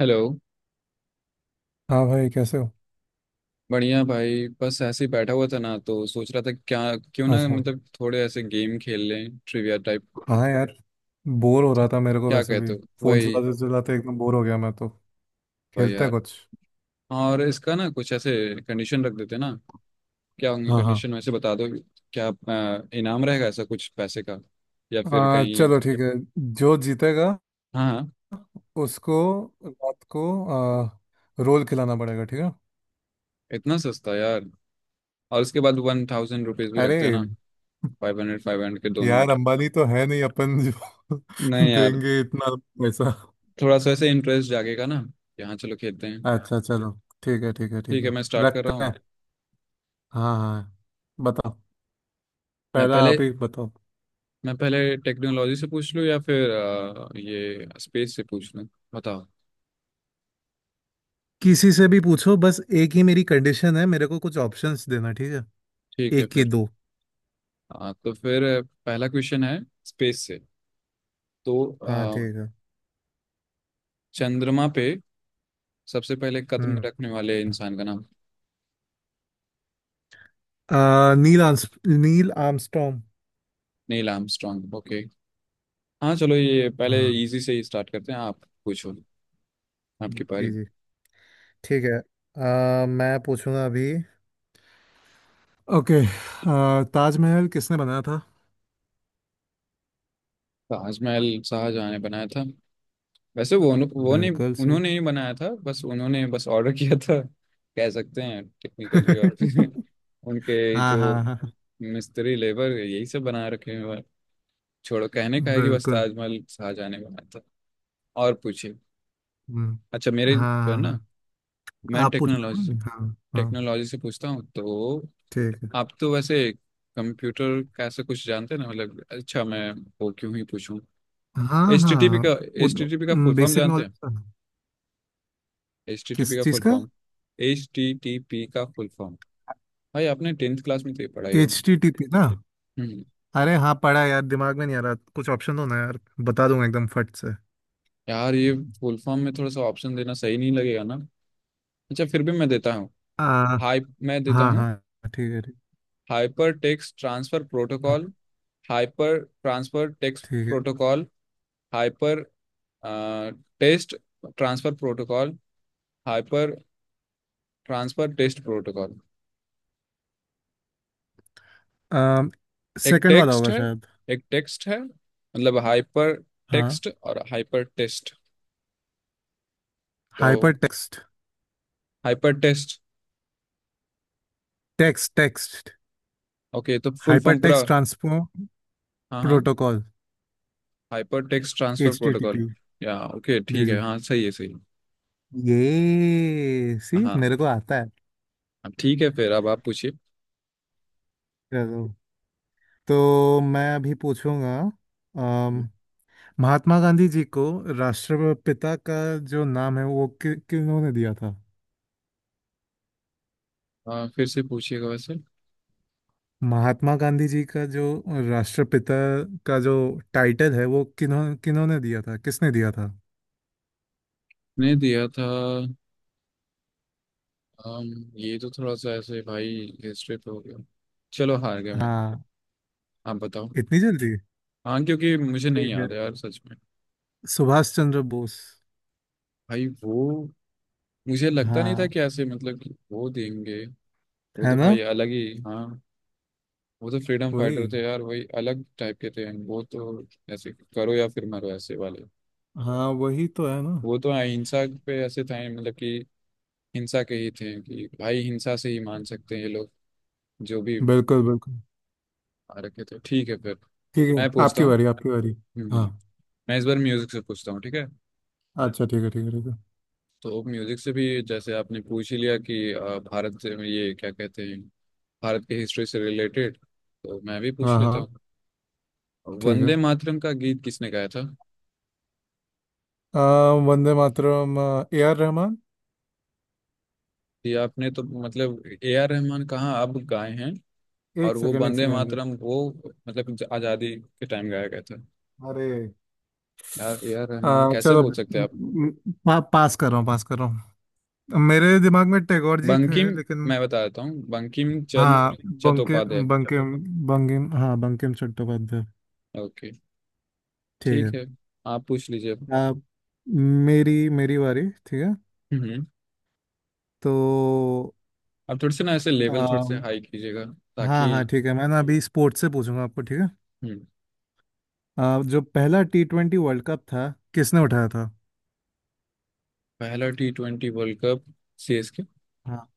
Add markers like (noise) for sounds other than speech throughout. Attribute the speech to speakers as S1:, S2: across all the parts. S1: Hello.
S2: हाँ भाई, कैसे हो?
S1: बढ़िया भाई, बस ऐसे ही बैठा हुआ था ना, तो सोच रहा था क्या क्यों ना,
S2: अच्छा।
S1: मतलब थोड़े ऐसे गेम खेल लें, ट्रिविया टाइप।
S2: हाँ यार, बोर हो रहा था मेरे को
S1: क्या
S2: वैसे भी।
S1: कहते हो?
S2: फोन
S1: वही,
S2: चलाते चलाते एकदम बोर हो गया मैं तो।
S1: वही
S2: खेलते हैं
S1: यार।
S2: कुछ।
S1: और इसका ना कुछ ऐसे कंडीशन रख देते हैं ना। क्या होंगे
S2: हाँ, हाँ।
S1: कंडीशन वैसे, बता दो। क्या इनाम रहेगा, ऐसा कुछ पैसे का या फिर कहीं?
S2: चलो, ठीक है। जो जीतेगा
S1: हाँ हाँ।
S2: उसको रात को आ, रोल खिलाना पड़ेगा, ठीक है।
S1: इतना सस्ता यार। और उसके बाद 1,000 रुपीज भी
S2: अरे
S1: रखते हैं ना। फाइव हंड्रेड 500 के दो
S2: यार,
S1: नोट।
S2: अंबानी तो है नहीं अपन जो
S1: नहीं
S2: (laughs)
S1: यार,
S2: देंगे इतना पैसा।
S1: थोड़ा सा ऐसे इंटरेस्ट जागेगा ना। यहाँ चलो खेलते हैं।
S2: अच्छा, चलो। ठीक है, ठीक है, ठीक
S1: ठीक है,
S2: है।
S1: मैं स्टार्ट कर रहा
S2: रखते हैं।
S1: हूँ।
S2: हाँ, हाँ, बताओ।
S1: मैं
S2: पहला
S1: पहले
S2: आप ही बताओ।
S1: मैं पहले टेक्नोलॉजी से पूछ लूँ या फिर ये स्पेस से पूछ लूँ, बताओ।
S2: किसी से भी पूछो, बस एक ही मेरी कंडीशन है, मेरे को कुछ ऑप्शंस देना, ठीक है।
S1: ठीक है
S2: एक की
S1: फिर।
S2: दो।
S1: तो फिर पहला क्वेश्चन है, स्पेस से। तो अ,
S2: हाँ, ठीक है।
S1: चंद्रमा पे सबसे पहले कदम
S2: हम्म।
S1: रखने वाले इंसान का नाम।
S2: नील आर्मस्ट्रॉन्ग।
S1: Neil Armstrong, okay. हाँ चलो, ये पहले
S2: हाँ,
S1: इजी से ही स्टार्ट करते हैं। आप पूछो, आपकी
S2: जी
S1: पारी।
S2: जी, ठीक है। मैं पूछूंगा अभी। ओके। ताजमहल किसने बनाया था?
S1: ताजमहल शाहजहाँ ने बनाया था। वैसे वो नहीं
S2: बिल्कुल सही।
S1: उन्होंने ही बनाया था, बस उन्होंने बस ऑर्डर किया था कह सकते हैं टेक्निकली, और फिर
S2: (laughs)
S1: (laughs) उनके
S2: हाँ,
S1: जो
S2: हाँ, हाँ।
S1: मिस्त्री लेबर यही सब बना रखे हैं। और छोड़ो, कहने का है कि बस
S2: बिल्कुल।
S1: ताजमहल शाहजहाँ ने बनाया था। और पूछिए।
S2: हम्म।
S1: अच्छा मेरे जो है
S2: हाँ, हाँ,
S1: ना,
S2: हाँ।
S1: मैं
S2: आप पूछ रहे
S1: टेक्नोलॉजी
S2: हो?
S1: से,
S2: ना? हाँ, हाँ,
S1: टेक्नोलॉजी से पूछता हूँ तो
S2: ठीक है।
S1: आप तो वैसे कंप्यूटर का ऐसा कुछ जानते हैं ना। मतलब अच्छा, मैं वो क्यों ही पूछूं।
S2: हाँ,
S1: HTTP
S2: हाँ।
S1: का, HTTP का फुल फॉर्म
S2: बेसिक
S1: जानते
S2: नॉलेज।
S1: हैं? HTTP
S2: किस
S1: का
S2: चीज़
S1: फुल
S2: का?
S1: फॉर्म, HTTP का फुल फॉर्म। भाई आपने टेंथ क्लास में तो ये पढ़ा ही
S2: एच
S1: होगा।
S2: टी टी पी ना।
S1: हम्म।
S2: अरे हाँ, पढ़ा है यार, दिमाग में नहीं आ रहा। कुछ ऑप्शन दो ना यार, बता दूंगा एकदम फट से।
S1: यार ये फुल फॉर्म में थोड़ा सा ऑप्शन देना सही नहीं लगेगा ना। अच्छा फिर भी मैं देता हूँ।
S2: आ,
S1: हाई, मैं देता
S2: हाँ,
S1: हूँ।
S2: हाँ, ठीक है, ठीक।
S1: हाइपर टेक्स्ट ट्रांसफर प्रोटोकॉल,
S2: हाँ,
S1: हाइपर ट्रांसफर टेक्स्ट
S2: ठीक है।
S1: Protocol, hyper test transfer protocol, hyper transfer test protocol. एक
S2: सेकंड वाला
S1: टेक्स्ट
S2: होगा
S1: है
S2: शायद।
S1: एक टेक्स्ट है मतलब हाइपर
S2: हाँ,
S1: टेक्स्ट और हाइपर टेस्ट। तो
S2: hyper text,
S1: hyper text.
S2: Text text.
S1: Okay, तो फुल
S2: हाइपर
S1: फॉर्म पूरा,
S2: टेक्स्ट ट्रांसपोर्ट
S1: हाँ हाँ,
S2: protocol.
S1: Hyper text transfer
S2: H T T
S1: protocol.
S2: P
S1: या ओके
S2: जी
S1: ठीक
S2: जी,
S1: है, हाँ सही है, सही है।
S2: ये सी
S1: हाँ।
S2: मेरे को आता है।
S1: अब ठीक है फिर, अब आप पूछिए।
S2: चलो, तो मैं अभी पूछूंगा। अम, महात्मा गांधी जी को राष्ट्रपिता का जो नाम है वो किन्होंने दिया था?
S1: हाँ फिर से पूछिएगा वैसे।
S2: महात्मा गांधी जी का जो राष्ट्रपिता का जो टाइटल है वो किन्होंने दिया था? किसने दिया था?
S1: ने दिया था, अम, ये तो थोड़ा सा ऐसे भाई हिस्ट्री पे हो गया। चलो हार गया मैं,
S2: हाँ,
S1: आप बताओ।
S2: इतनी जल्दी।
S1: हाँ क्योंकि मुझे नहीं
S2: ठीक है,
S1: याद है यार, सच में।
S2: सुभाष चंद्र बोस।
S1: भाई वो, मुझे लगता नहीं था
S2: हाँ,
S1: कि ऐसे, मतलब कि वो देंगे। वो
S2: है
S1: तो
S2: ना।
S1: भाई अलग ही, हाँ। वो तो फ्रीडम फाइटर
S2: वही।
S1: थे यार, वही अलग टाइप के थे वो तो। ऐसे करो या फिर मरो, ऐसे वाले।
S2: हाँ, वही तो है ना।
S1: वो तो अहिंसा पे ऐसे थे, मतलब कि हिंसा के ही थे, कि भाई हिंसा से ही मान सकते हैं ये लोग। जो भी
S2: बिल्कुल, बिल्कुल।
S1: आ रखे थे। ठीक है फिर,
S2: ठीक है,
S1: मैं पूछता
S2: आपकी
S1: हूँ।
S2: बारी, आपकी बारी। हाँ,
S1: हम्म, मैं इस बार म्यूजिक से पूछता हूँ, ठीक है।
S2: अच्छा। ठीक है, ठीक है, ठीक है।
S1: तो म्यूजिक से भी, जैसे आपने पूछ ही लिया कि भारत से, ये क्या कहते हैं, भारत की हिस्ट्री से रिलेटेड, तो मैं भी
S2: हाँ,
S1: पूछ लेता
S2: हाँ,
S1: हूँ।
S2: ठीक
S1: वंदे
S2: है।
S1: मातरम का गीत किसने गाया था?
S2: आ, वंदे मातरम, A R Rahman।
S1: ये आपने तो मतलब, A R रहमान कहाँ अब गाए हैं,
S2: एक
S1: और वो
S2: सेकंड, एक
S1: वंदे
S2: सेकंड।
S1: मातरम वो, मतलब आजादी के टाइम गाया गया था
S2: अरे,
S1: यार। ए आर रहमान कैसे
S2: चलो।
S1: बोल सकते हैं आप।
S2: पास कर रहा हूँ, पास कर रहा हूँ। मेरे दिमाग में टैगोर जी
S1: बंकिम,
S2: थे लेकिन।
S1: मैं बता देता हूँ, बंकिम
S2: हाँ,
S1: चंद्र
S2: बंके
S1: चट्टोपाध्याय।
S2: बंकिम, बंकिम। हाँ, बंकिम चट्टोपाध्याय।
S1: ओके,
S2: ठीक है।
S1: ठीक है। आप पूछ लीजिए अब।
S2: अब मेरी मेरी बारी, ठीक है।
S1: हम्म।
S2: तो
S1: आप थोड़े से ना ऐसे लेवल थोड़े से
S2: अम,
S1: हाई कीजिएगा,
S2: हाँ,
S1: ताकि।
S2: हाँ, ठीक है। मैं ना अभी स्पोर्ट्स से पूछूंगा आपको, ठीक है।
S1: हम्म।
S2: जो पहला T20 वर्ल्ड कप था, किसने उठाया था?
S1: पहला T20 वर्ल्ड कप, CSK।
S2: हाँ।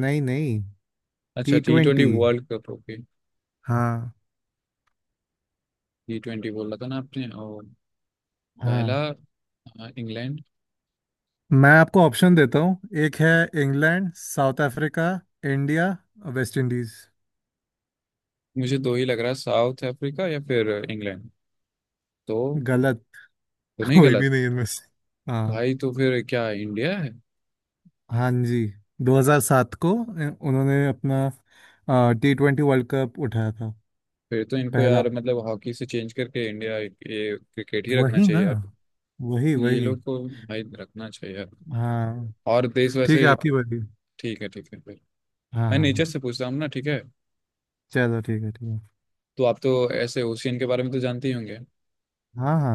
S2: नहीं, नहीं।
S1: अच्छा,
S2: T
S1: T20
S2: twenty
S1: world cup, okay.
S2: हाँ,
S1: T20 बोला था ना आपने, और पहला,
S2: हाँ।
S1: इंग्लैंड।
S2: मैं आपको ऑप्शन देता हूँ। एक है England, South Africa, India, West Indies.
S1: मुझे दो ही लग रहा है, साउथ अफ्रीका या फिर इंग्लैंड। तो
S2: गलत।
S1: तो नहीं
S2: कोई भी
S1: गलत?
S2: नहीं इनमें से। हाँ,
S1: भाई तो फिर क्या इंडिया है?
S2: हाँ जी। 2007 को उन्होंने अपना T20 वर्ल्ड कप उठाया था,
S1: फिर तो इनको
S2: पहला।
S1: यार, मतलब हॉकी से चेंज करके इंडिया ये क्रिकेट ही रखना
S2: वही ना,
S1: चाहिए यार।
S2: वही
S1: ये
S2: वही।
S1: लोग को, भाई रखना चाहिए यार।
S2: हाँ,
S1: और देश
S2: ठीक
S1: वैसे।
S2: है, आपकी बारी।
S1: ठीक है फिर,
S2: हाँ,
S1: मैं
S2: हाँ,
S1: नेचर
S2: हाँ।
S1: से पूछता हूँ ना, ठीक है।
S2: चलो, ठीक है, ठीक है।
S1: तो आप तो ऐसे ओशियन के बारे में तो जानते ही होंगे।
S2: हाँ, हाँ।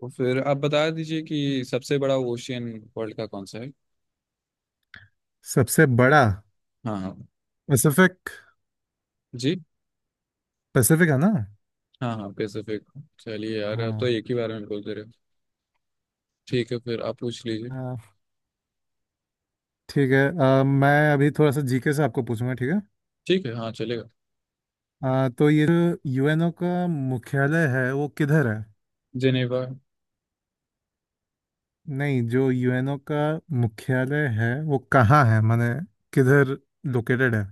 S1: तो फिर आप बता दीजिए कि सबसे बड़ा ओशियन वर्ल्ड का कौन सा है।
S2: सबसे बड़ा।
S1: हाँ हाँ।
S2: पैसिफिक।
S1: जी।
S2: पैसिफिक है ना।
S1: हाँ हाँ पैसिफिक। चलिए यार, आप तो
S2: हाँ,
S1: एक ही बारे में बोल दे रहे हो। ठीक है फिर, आप पूछ लीजिए।
S2: हाँ। ठीक है। मैं अभी थोड़ा सा जीके से आपको पूछूंगा, ठीक है।
S1: ठीक है, हाँ चलेगा।
S2: तो ये जो यूएनओ का मुख्यालय है वो किधर है?
S1: जेनेवा।
S2: नहीं, जो यूएनओ का मुख्यालय है वो कहाँ है माने किधर लोकेटेड है?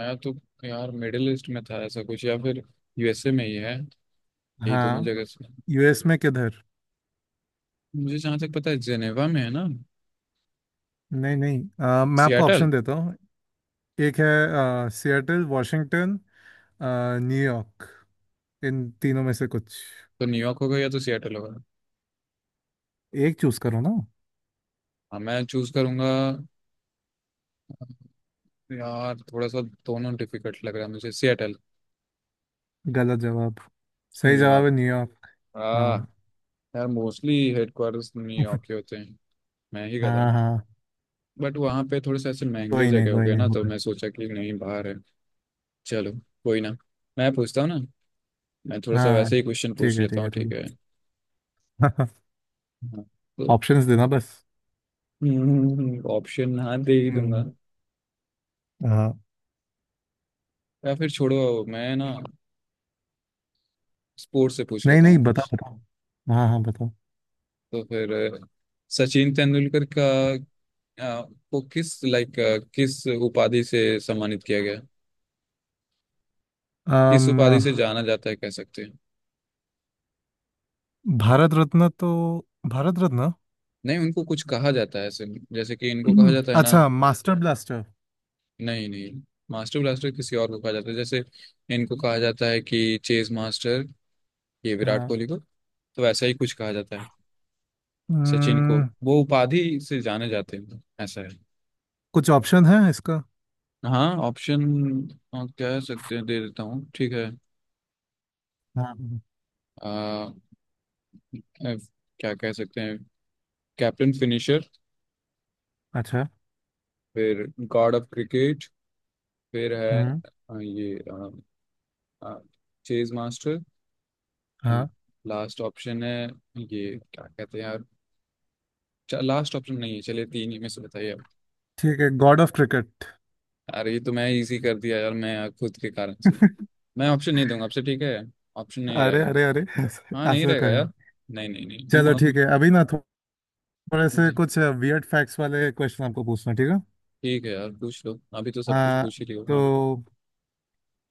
S1: मैं तो, यार मिडिल ईस्ट में था ऐसा कुछ, या फिर यूएसए में ही है, यही दोनों
S2: हाँ,
S1: जगह से।
S2: यूएस में किधर?
S1: मुझे जहाँ तक पता है जेनेवा में है ना।
S2: नहीं, नहीं। मैं आपको
S1: सियाटल।
S2: ऑप्शन देता हूँ। एक है सिएटल वॉशिंगटन, न्यूयॉर्क। इन तीनों में से कुछ
S1: तो न्यूयॉर्क होगा या तो सियाटल होगा।
S2: एक चूज करो ना।
S1: हाँ मैं चूज करूंगा, यार थोड़ा सा दोनों डिफिकल्ट लग रहा है मुझे, सियाटल।
S2: गलत जवाब। सही जवाब
S1: न्यूयॉर्क।
S2: है न्यूयॉर्क।
S1: हाँ।
S2: हाँ।
S1: यार मोस्टली हेडक्वार्टर्स न्यूयॉर्क
S2: (laughs)
S1: के होते हैं, मैं ही गधा
S2: हाँ,
S1: हूँ।
S2: हाँ।
S1: बट वहाँ पे थोड़े से ऐसे महंगे
S2: कोई नहीं,
S1: जगह हो
S2: कोई
S1: गए
S2: नहीं
S1: ना, तो
S2: होता।
S1: मैं सोचा कि नहीं बाहर है। चलो, कोई ना। मैं पूछता हूँ ना, मैं थोड़ा सा
S2: हाँ,
S1: वैसे ही क्वेश्चन
S2: ठीक
S1: पूछ
S2: है,
S1: लेता
S2: ठीक
S1: हूँ,
S2: है,
S1: ठीक है।
S2: ठीक है।
S1: हाँ।
S2: (laughs)
S1: तो
S2: ऑप्शंस देना बस।
S1: ऑप्शन, हाँ दे ही दूंगा।
S2: हम्म। हाँ।
S1: या फिर छोड़ो, मैं ना स्पोर्ट्स से पूछ
S2: नहीं,
S1: लेता
S2: नहीं,
S1: हूँ।
S2: बताओ, बताओ। हाँ, हाँ, बताओ।
S1: तो फिर सचिन तेंदुलकर का, अ, को किस लाइक, किस उपाधि से सम्मानित किया गया, किस
S2: अम
S1: उपाधि से जाना जाता है कह सकते हैं।
S2: भारत रत्न तो। भारत रत्न।
S1: नहीं उनको कुछ कहा जाता है ऐसे, जैसे कि इनको कहा जाता
S2: (clears throat)
S1: है ना।
S2: अच्छा, मास्टर ब्लास्टर।
S1: नहीं नहीं, मास्टर ब्लास्टर किसी और को कहा जाता है। जैसे इनको कहा जाता है कि चेस मास्टर, ये विराट
S2: हाँ।
S1: कोहली को। तो वैसा ही कुछ कहा जाता है सचिन को,
S2: हम्म,
S1: वो उपाधि से जाने जाते हैं, ऐसा है।
S2: कुछ ऑप्शन है इसका?
S1: हाँ ऑप्शन कह सकते हैं दे देता हूँ, ठीक है।
S2: हाँ, हाँ।
S1: आ, F- क्या कह सकते हैं, कैप्टन फिनिशर,
S2: अच्छा।
S1: फिर गॉड ऑफ क्रिकेट, फिर है
S2: हम्म।
S1: ये चेज मास्टर, एंड
S2: हाँ,
S1: लास्ट ऑप्शन है, ये क्या कहते हैं यार। लास्ट ऑप्शन नहीं है, चलिए 3 ही में से बताइए आप।
S2: ठीक है, गॉड ऑफ क्रिकेट।
S1: यार ये तो मैं इजी कर दिया यार, मैं खुद के कारण से। मैं ऑप्शन नहीं दूंगा आपसे, ठीक है, ऑप्शन नहीं
S2: अरे,
S1: रहेगा।
S2: अरे, अरे। (laughs) ऐसे
S1: हाँ नहीं
S2: ऐसे
S1: रहेगा
S2: कहें।
S1: यार, नहीं नहीं
S2: चलो, ठीक
S1: नहीं।
S2: है। अभी ना थोड़े से
S1: (laughs)
S2: कुछ वियर्ड फैक्ट्स वाले क्वेश्चन आपको पूछना, ठीक है।
S1: ठीक है यार, पूछ लो, अभी तो सब कुछ
S2: आ,
S1: पूछ ही लियो,
S2: तो
S1: हाँ।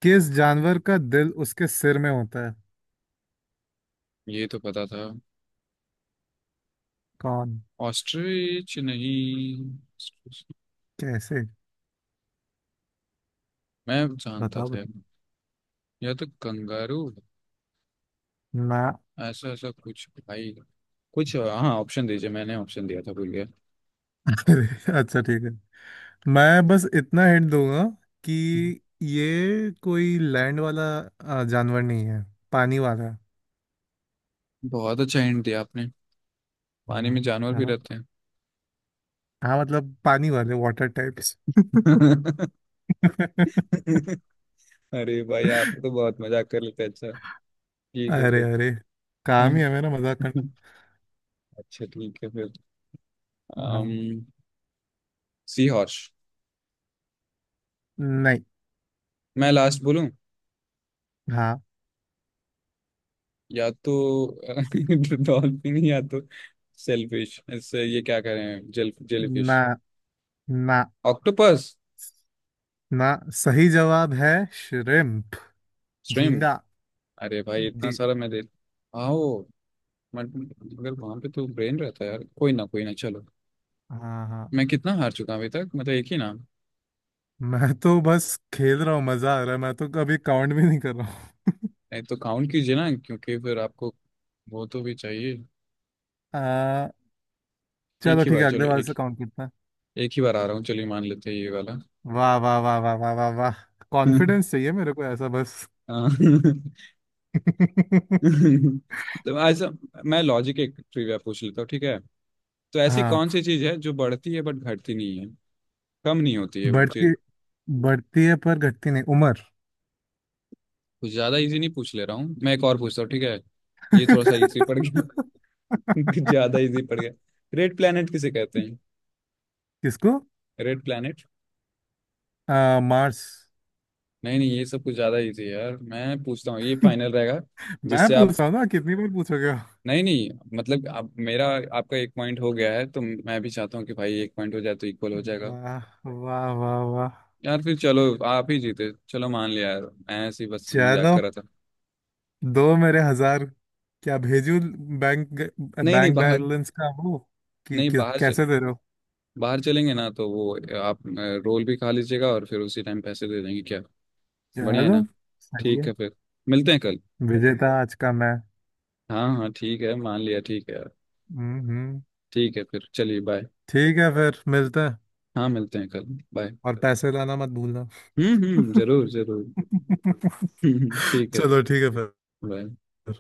S2: किस जानवर का दिल उसके सिर में होता है?
S1: ये तो पता था,
S2: कौन?
S1: ऑस्ट्रिच नहीं?
S2: कैसे?
S1: मैं जानता
S2: बताओ,
S1: था यार।
S2: बताओ
S1: या तो कंगारू,
S2: ना।
S1: ऐसा ऐसा कुछ भाई, कुछ। हाँ ऑप्शन दीजिए, मैंने ऑप्शन दिया था, भूल गया।
S2: (laughs) अरे, अच्छा, ठीक है। मैं बस इतना हिंट दूंगा कि ये कोई लैंड वाला जानवर नहीं है, पानी वाला है।
S1: बहुत अच्छा हिंट दिया आपने, पानी
S2: हाँ,
S1: में जानवर
S2: है
S1: भी
S2: ना।
S1: रहते हैं।
S2: हाँ मतलब पानी वाले, वाटर टाइप्स। (laughs)
S1: (laughs) अरे भाई आप तो बहुत मजाक कर लेते हैं, अच्छा ठीक है
S2: अरे,
S1: फिर।
S2: अरे। काम ही
S1: (laughs)
S2: है मेरा मजाक करना।
S1: अच्छा ठीक है फिर।
S2: हाँ।
S1: um, sea horse.
S2: नहीं।
S1: मैं लास्ट बोलूं,
S2: हाँ।
S1: या तो (laughs) डॉल्फिन, या तो सेलफिश, इससे ये क्या करें, जेलीफिश,
S2: ना, ना,
S1: ऑक्टोपस,
S2: ना। सही जवाब है श्रिम्प।
S1: श्रिम्प।
S2: झींगा।
S1: अरे भाई, इतना
S2: जी।
S1: सारा मैं दे आओ। मगर वहां पे तो ब्रेन रहता है यार, कोई ना कोई ना, चलो।
S2: हाँ, हाँ।
S1: मैं कितना हार चुका हूं अभी तक, मतलब एक ही ना।
S2: मैं तो बस खेल रहा हूँ, मजा आ रहा है, मैं तो कभी काउंट भी नहीं कर रहा हूँ। (laughs)
S1: नहीं तो काउंट कीजिए ना, क्योंकि फिर आपको वो तो भी चाहिए।
S2: आ,
S1: एक
S2: चलो,
S1: ही
S2: ठीक
S1: बार,
S2: है,
S1: चलो,
S2: अगले बार
S1: एक
S2: से काउंट करते हैं।
S1: एक ही बार आ रहा हूँ, चलिए मान लेते हैं ये वाला।
S2: वाह, वाह, वाह, वाह, वाह, वाह, वाह। कॉन्फिडेंस
S1: (laughs)
S2: चाहिए मेरे को, ऐसा बस।
S1: हाँ।
S2: (laughs)
S1: (laughs) तो ऐसा, मैं लॉजिक एक ट्रिविया पूछ लेता हूँ, ठीक है। तो ऐसी कौन
S2: हाँ।
S1: सी चीज है जो बढ़ती है बट घटती नहीं है, कम नहीं होती है वो चीज।
S2: बढ़ती, बढ़ती है पर घटती नहीं, उम्र।
S1: कुछ ज्यादा इजी नहीं पूछ ले रहा हूँ मैं, एक और पूछता हूँ, ठीक है। ये थोड़ा सा इजी पड़ गया, (laughs) कुछ
S2: (laughs)
S1: ज्यादा इजी पड़ गया। रेड प्लेनेट किसे कहते हैं?
S2: किसको?
S1: Red planet.
S2: मार्स।
S1: नहीं नहीं, ये सब कुछ ज्यादा इजी है यार, मैं पूछता हूँ, ये फाइनल रहेगा।
S2: मैं
S1: जिससे आप,
S2: पूछ रहा हूँ ना, कितनी बार पूछोगे।
S1: नहीं नहीं, मतलब आप मेरा, आपका एक पॉइंट हो गया है, तो मैं भी चाहता हूँ कि भाई एक पॉइंट हो जाए तो इक्वल हो जाएगा।
S2: वाह, वाह, वाह, वाह।
S1: यार फिर चलो आप ही जीते, चलो मान लिया यार, मैं ऐसे ही बस मजाक
S2: चलो,
S1: कर रहा था।
S2: दो मेरे हजार। क्या भेजू? बैंक।
S1: नहीं नहीं
S2: बैंक
S1: बाहर,
S2: बैलेंस का वो कि,
S1: नहीं
S2: कि
S1: बाहर चल,
S2: कैसे दे रहे हो?
S1: बाहर चलेंगे ना, तो वो आप रोल भी खा लीजिएगा, और फिर उसी टाइम पैसे दे देंगे क्या, बढ़िया है
S2: चलो।
S1: ना।
S2: सही
S1: ठीक
S2: है।
S1: है फिर, मिलते हैं कल।
S2: विजेता आज का मैं।
S1: हाँ हाँ ठीक है मान लिया, ठीक है यार।
S2: हम्म हम्म।
S1: ठीक है फिर चलिए, बाय।
S2: ठीक है फिर, मिलते हैं
S1: हाँ मिलते हैं कल, बाय।
S2: और पैसे लाना मत भूलना।
S1: हम्म, जरूर जरूर।
S2: (laughs)
S1: (laughs) ठीक है,
S2: चलो ठीक है
S1: बाय।
S2: फिर